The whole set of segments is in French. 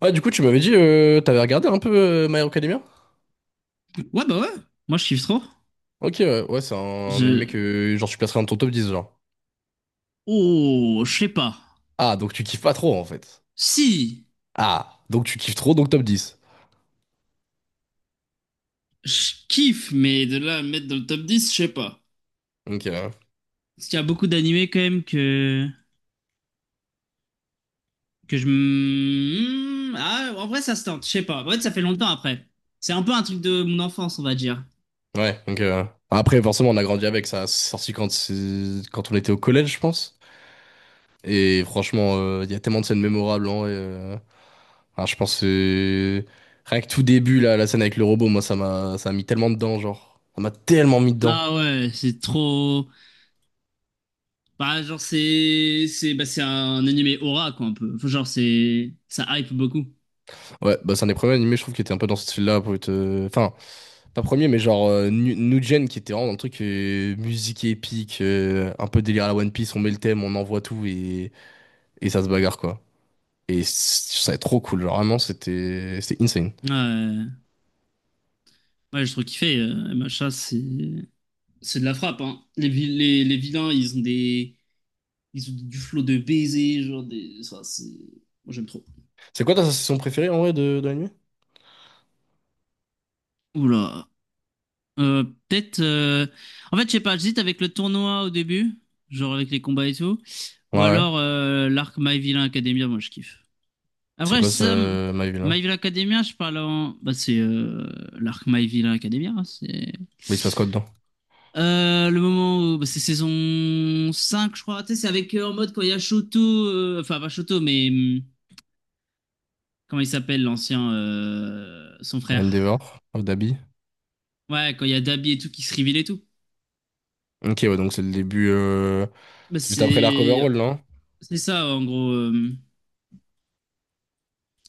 Ouais, du coup, tu m'avais dit, t'avais regardé un peu My Hero Academia? Ouais, bah ouais. Moi, je kiffe trop. Ok, ouais, ouais, c'est un, animé Je. que genre tu placerais dans ton top 10 genre. Oh, je sais pas. Ah, donc tu kiffes pas trop en fait. Si, Ah, donc tu kiffes trop, donc top 10. je kiffe, mais de là à me mettre dans le top 10 je sais pas. Ok, Parce qu'il y a beaucoup d'animés quand même que. Que je. M- hmm, Ah, en vrai, ça se tente, je sais pas. En fait, ça fait longtemps après. C'est un peu un truc de mon enfance, on va dire. ouais, donc. Après, forcément, on a grandi avec ça. C'est sorti quand, quand on était au collège, je pense. Et franchement, il y a tellement de scènes mémorables, hein, et, je pense que rien que tout début, là, la scène avec le robot, moi, ça m'a mis tellement dedans, genre. Ça m'a tellement mis dedans. Ah ouais, c'est trop. Bah, genre, c'est un animé aura, quoi, un peu. Enfin, genre, c'est. Ça hype beaucoup. Ouais, bah c'est un des premiers animés, je trouve, qui était un peu dans ce style-là pour être. Enfin, pas premier, mais genre New qui était vraiment dans le truc musique épique, un peu délire à la One Piece, on met le thème, on envoie tout et ça se bagarre quoi. Et ça est trop cool, genre vraiment c'était insane. Ouais, ouais, j'ai trop kiffé. MHA, c'est de la frappe, hein. Les vilains, ils ont des. Ils ont du flot de baisers, Moi j'aime trop. C'est quoi ta saison préférée en vrai de l'anime? Oula. Peut-être. En fait, je sais pas, j'hésite avec le tournoi au début, genre avec les combats et tout. Ouais, Ou ouais. alors l'arc My Villain Academia, moi je kiffe. C'est Après, quoi ça, My Villa? My Villain Academia, je parle en. Bah, c'est l'arc My Villain Academia, hein. C'est. Mais il se passe quoi dedans? Le moment où bah, c'est saison 5 je crois. Tu sais, c'est avec en mode quand il y a Shoto, enfin pas Shoto, mais comment il s'appelle l'ancien, son frère. Endeavor, Dabi. Ouais, quand il y a Dabi et tout qui se révèle et tout. Ok, ouais, donc c'est le début, Bah, c'est juste après l'arc c'est overall, non? c'est ça en gros.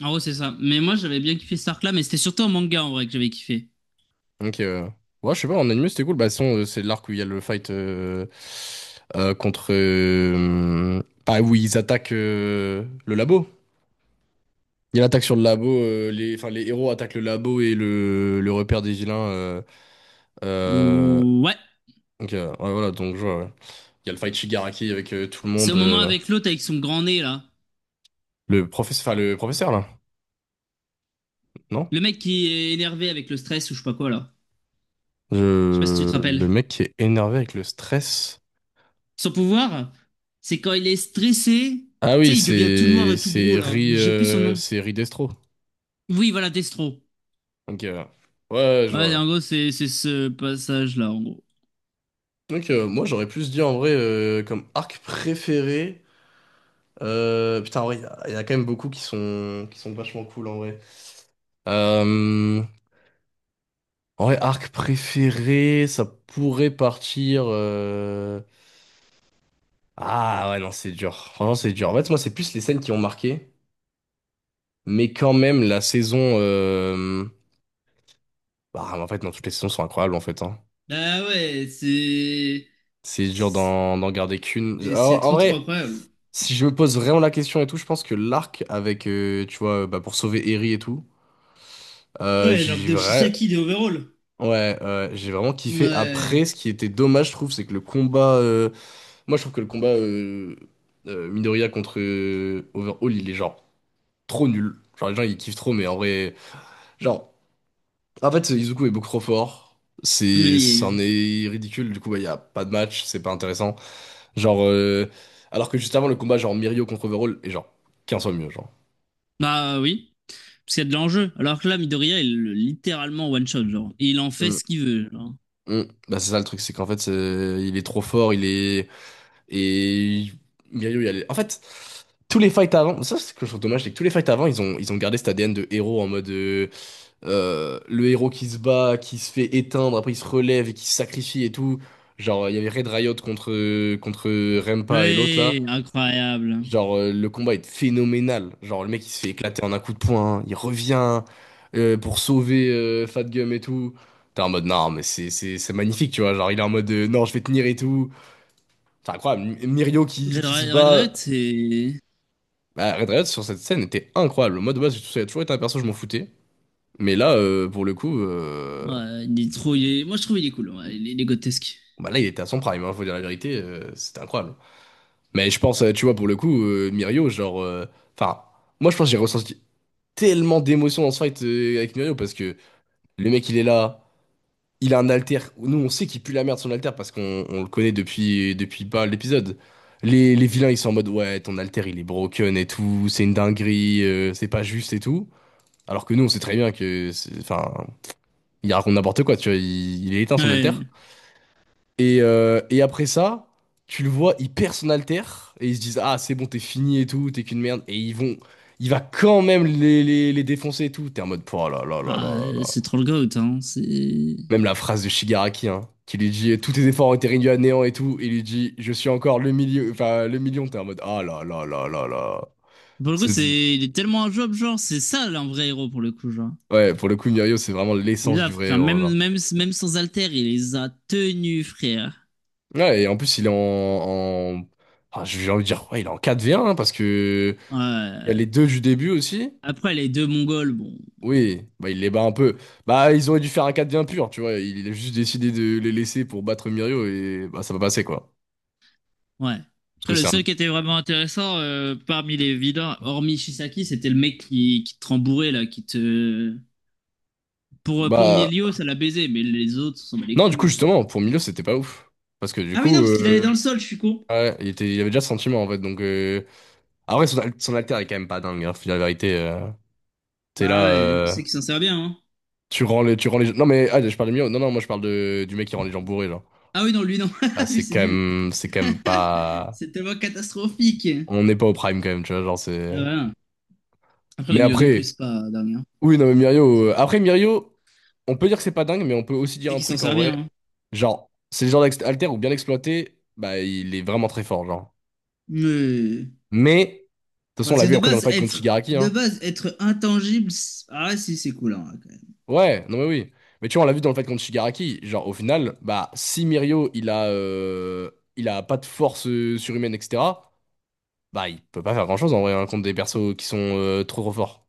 En gros, c'est ça. Mais moi, j'avais bien kiffé cet arc-là, mais c'était surtout en manga en vrai que j'avais kiffé. Donc, ouais, je sais pas, en anime, c'était cool. Bah, de toute façon, c'est l'arc où il y a le fight contre. Pas où ils attaquent le labo. Il y a l'attaque sur le labo. Les, enfin, les héros attaquent le labo et le repère des vilains. Euh, Ou ouais, donc, ouais, voilà, donc je vois, ouais. Il y a le fight Shigaraki avec tout le c'est monde. au moment avec l'autre avec son grand nez là, Le professeur, enfin, le professeur, là, non? le mec qui est énervé avec le stress ou je sais pas quoi là. Je sais pas si tu te rappelles. Le mec qui est énervé avec le stress. Son pouvoir, c'est quand il est stressé, Ah tu oui, sais, il devient tout noir c'est et tout gros c'est là. Mais Ri, j'ai plus son euh, nom. c'est Ri Destro. Oui, voilà, Destro. Ok, ouais. Ouais, ouais, je vois, Ouais, ouais. en gros, c'est ce passage-là, en gros. Donc, moi, j'aurais plus dit en vrai comme arc préféré. Putain, en vrai, il y a quand même beaucoup qui sont vachement cool en vrai. Euh, en vrai, arc préféré, ça pourrait partir. Ah ouais, non, c'est dur. Franchement, c'est dur. En fait, moi, c'est plus les scènes qui ont marqué. Mais quand même, la saison. Bah, en fait, non, toutes les saisons sont incroyables en fait, hein. Ah ouais, C'est dur c'est d'en garder qu'une. En c'est en trop trop vrai. incroyable. Si je me pose vraiment la question et tout, je pense que l'arc avec, tu vois, bah, pour sauver Eri et tout, Ouais, l'arc j'ai de vrai... Shisaki de Overall. ouais, ouais, j'ai vraiment kiffé. Ouais. Après, ce qui était dommage, je trouve, c'est que le combat. Moi, je trouve que le combat Midoriya contre Overhaul, il est genre trop nul. Genre, les gens, ils kiffent trop, mais en vrai. Genre, en fait, Izuku est beaucoup trop fort. C'est, Mais... c'en est ridicule. Du coup, bah, il n'y a pas de match, c'est pas intéressant. Genre, alors que juste avant, le combat, genre Mirio contre Overhaul, est genre 15 fois mieux, genre. Bah oui, parce qu'il y a de l'enjeu. Alors que là, Midoriya, littéralement one-shot, genre. Il en fait ce qu'il veut, genre. Mm. Bah, c'est ça le truc, c'est qu'en fait, il est trop fort, il est... Et Mirio, il y a... En fait, tous les fights avant, ça c'est ce que je trouve dommage, c'est que tous les fights avant, ils ont gardé cet ADN de héros en mode... le héros qui se bat, qui se fait éteindre, après il se relève et qui se sacrifie et tout. Genre, il y avait Red Riot contre Rempa et l'autre, là. Oui, incroyable. Genre, le combat est phénoménal. Genre, le mec, il se fait éclater en un coup de poing, il revient pour sauver Fat Gum et tout. T'es en mode, non, mais c'est magnifique, tu vois. Genre, il est en mode, non, je vais tenir et tout. C'est incroyable. Mirio qui, Red qui se Red Red, bat. Red, c'est... Bah, Red Riot, sur cette scène, était incroyable. Moi, de base, ça a toujours été un perso, je m'en foutais. Mais là, pour le coup, Ouais, il est trop. Moi, je trouve il est cool. Ouais, il est grotesque. bah là, il était à son prime, hein, faut dire la vérité, c'était incroyable. Mais je pense, tu vois, pour le coup, Mirio, genre... Enfin, moi, je pense que j'ai ressenti tellement d'émotions dans ce fight avec Mirio parce que le mec il est là, il a un alter. Nous on sait qu'il pue la merde son alter parce qu'on le connaît depuis pas l'épisode. Les vilains ils sont en mode ouais, ton alter il est broken et tout, c'est une dinguerie, c'est pas juste et tout. Alors que nous on sait très bien que, enfin, il raconte n'importe quoi, tu vois, il est éteint son alter. Ouais. Et après ça, tu le vois, il perd son alter et ils se disent, ah, c'est bon, t'es fini et tout, t'es qu'une merde. Et il va quand même les défoncer et tout. T'es en mode, oh là là là là Ah, là là. c'est trop le goat, hein. C'est. Même la phrase de Shigaraki, hein, qui lui dit, tous tes efforts ont été réduits à néant et tout. Il lui dit, je suis encore le milieu, enfin, le million. T'es en mode, ah là là là là là. Pour le coup, C'est- c'est. Il est tellement un job, genre. C'est ça, là, un vrai héros, pour le coup, genre. Ouais, pour le coup, Mirio, c'est vraiment Et l'essence du là, vrai frère, héros, là. même, même, même sans alter, il les a tenus, frère. Ouais, et en plus, il est en, en... Ah, j'ai envie de dire, ouais, il est en quatre v 1, hein, parce que il y a Ouais. les deux du début aussi. Après, les deux Mongols, bon. Oui, bah, il les bat un peu. Bah, ils auraient dû faire un 4 bien pur, tu vois. Il a juste décidé de les laisser pour battre Mirio et bah, ça va passer, quoi. Ouais. Parce Après, que le c'est un. seul qui était vraiment intéressant parmi les vilains, hormis Shisaki, c'était le mec qui te rembourrait, là, qui te. Pour Bah. milio ça l'a baisé, mais les autres, on s'en bat les Non, du couilles, coup, genre. justement, pour Milo, c'était pas ouf. Parce que du Ah oui, non, coup, parce qu'il allait dans le sol, je suis con. ouais, il était... il avait déjà ce sentiment, en fait. Donc, après, son, son alter est quand même pas dingue, hein, faut dire la vérité. T'es Bah là, ouais, c'est qu'il s'en sert bien, hein. Tu rends les gens. Non, mais ah, je parle de Milo. Non, non, moi, je parle de... du mec qui rend les gens bourrés, genre. Ah oui, non, lui, non. Ah, Lui, c'est nul. C'est quand même pas. C'est tellement catastrophique. On n'est pas au prime, quand même, tu vois. Genre, Ah c'est. voilà. Après, le Mais milieu non plus, après. c'est pas dernier, hein. Oui, non, mais Mirio. Ça. Après, Mirio, on peut dire que c'est pas dingue, mais on peut aussi dire C'est un qu'il s'en truc en sert vrai. bien, hein. Genre, c'est le genre d'alter où bien exploité, bah, il est vraiment très fort, genre. Mais... Mais, de toute façon, on Parce l'a que vu de après dans le base, fight contre être... Shigaraki, De hein. base, être intangible... Ah ouais, si, c'est cool, hein, quand même. Ouais, non, mais oui. Mais tu vois, on l'a vu dans le fight contre Shigaraki. Genre, au final, bah, si Mirio, il a pas de force surhumaine, etc., bah, il peut pas faire grand-chose en vrai, hein, contre des persos qui sont trop trop forts.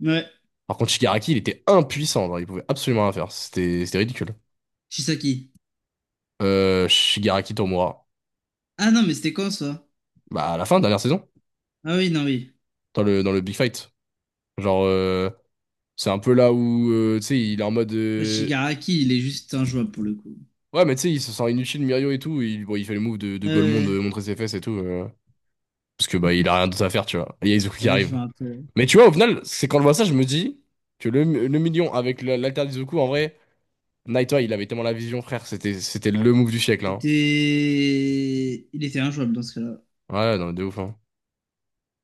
Ouais. Par contre, Shigaraki, il était impuissant, genre, il pouvait absolument rien faire. C'était ridicule. Shisaki. Shigaraki Tomura. Ah non, mais c'était quand, ça? Bah, à la fin, dernière saison, Ah oui, non, oui. dans le Big Fight. Genre, c'est un peu là où, tu sais, il est en mode. Ouais, Shigaraki, il est juste injouable, pour le coup. Ouais, mais tu sais, il se sent inutile, Mirio et tout. Bon, il fait le move de Golemon Euh... de montrer ses fesses et tout. Parce que, bah, il a rien d'autre à faire, tu vois. Et il y a Izuku qui Là, je arrive. vois un peu. Mais tu vois, au final, c'est quand je vois ça, je me dis que le million avec l'alter d'Izuku, en vrai, Naito, il avait tellement la vision, frère. C'était le move du siècle, hein. C'était... Il était injouable, dans ce cas-là. Ouais, non, mais de ouf, hein.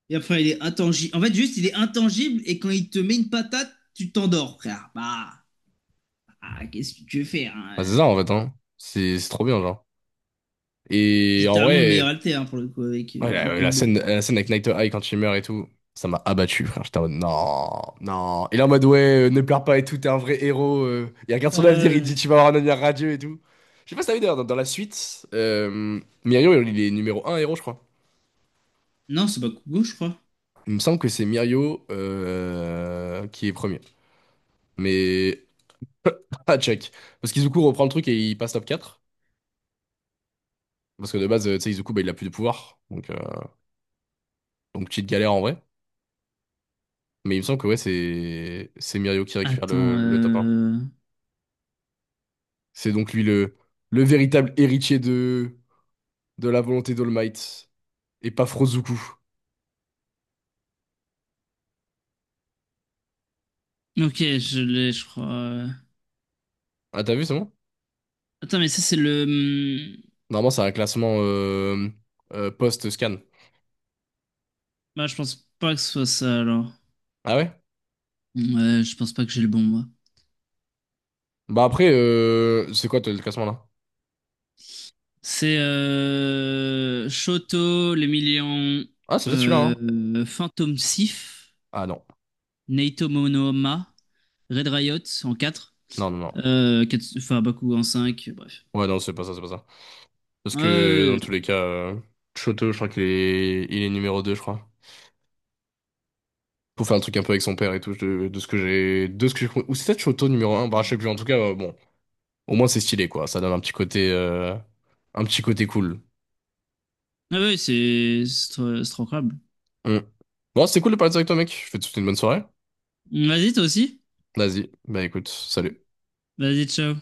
Et après, il est intangible. En fait, juste, il est intangible et quand il te met une patate, tu t'endors, frère. Bah, ah, qu'est-ce que tu veux faire Bah, hein c'est euh. ça, en fait, hein. C'est trop bien, genre. C'est Et en littéralement le meilleur vrai. alter, hein, pour le coup avec Ouais, en la, la combo. scène, la scène avec Night Eye quand il meurt et tout, ça m'a abattu, frère. J'étais en mode, non, non. Il est en mode, ouais, ne pleure pas et tout, t'es un vrai héros. Il regarde son avenir, il Euh, dit, tu vas avoir un avenir radieux et tout. Je sais pas si t'as vu d'ailleurs, dans la suite, Mirio, il est numéro un héros, je crois. Non, c'est Bakugo, je crois. Il me semble que c'est Mirio qui est premier. Mais, à check. Parce qu'Izuku reprend le truc et il passe top quatre. Parce que de base, tu sais, Izuku, bah, il a plus de pouvoir. Donc, petite galère en vrai. Mais il me semble que ouais, c'est Mirio qui récupère Attends, le top 1. C'est donc lui le véritable héritier de la volonté d'All Might, et pas Frozuku. Ok, je l'ai, je crois. Ah, t'as vu, c'est bon? Attends, mais ça, c'est le... Normalement, c'est un classement post-scan. Bah, je pense pas que ce soit ça, alors. Ah ouais? Ouais, je pense pas que j'ai le bon, moi. Bah après, c'est quoi toi, le classement là? C'est Shoto, les millions... Ah, c'est peut-être celui-là, hein? Phantom Sif. Ah non. Naito Monohama, Red Riot en 4, Non, non, non. Farabaku en 5, bref. Ouais, non, c'est pas ça, c'est pas ça. Parce Ah ouais, que ouais, dans tous ouais. les cas, Choto, je crois qu'il est numéro 2 je crois. Pour faire un truc un peu avec son père et tout, de ce que j'ai. De ce que j'ai compris. Ou c'est peut-être Choto numéro un. Bah je sais plus, en tout cas, bon. Au moins, c'est stylé, quoi. Ça donne un petit côté cool. Ah ouais, c'est trop incroyable. Mm. Bon, c'était cool de parler directement, mec. Je te souhaite une bonne soirée. Vas-y, toi aussi. Vas-y. Bah écoute, salut. Vas-y, ciao.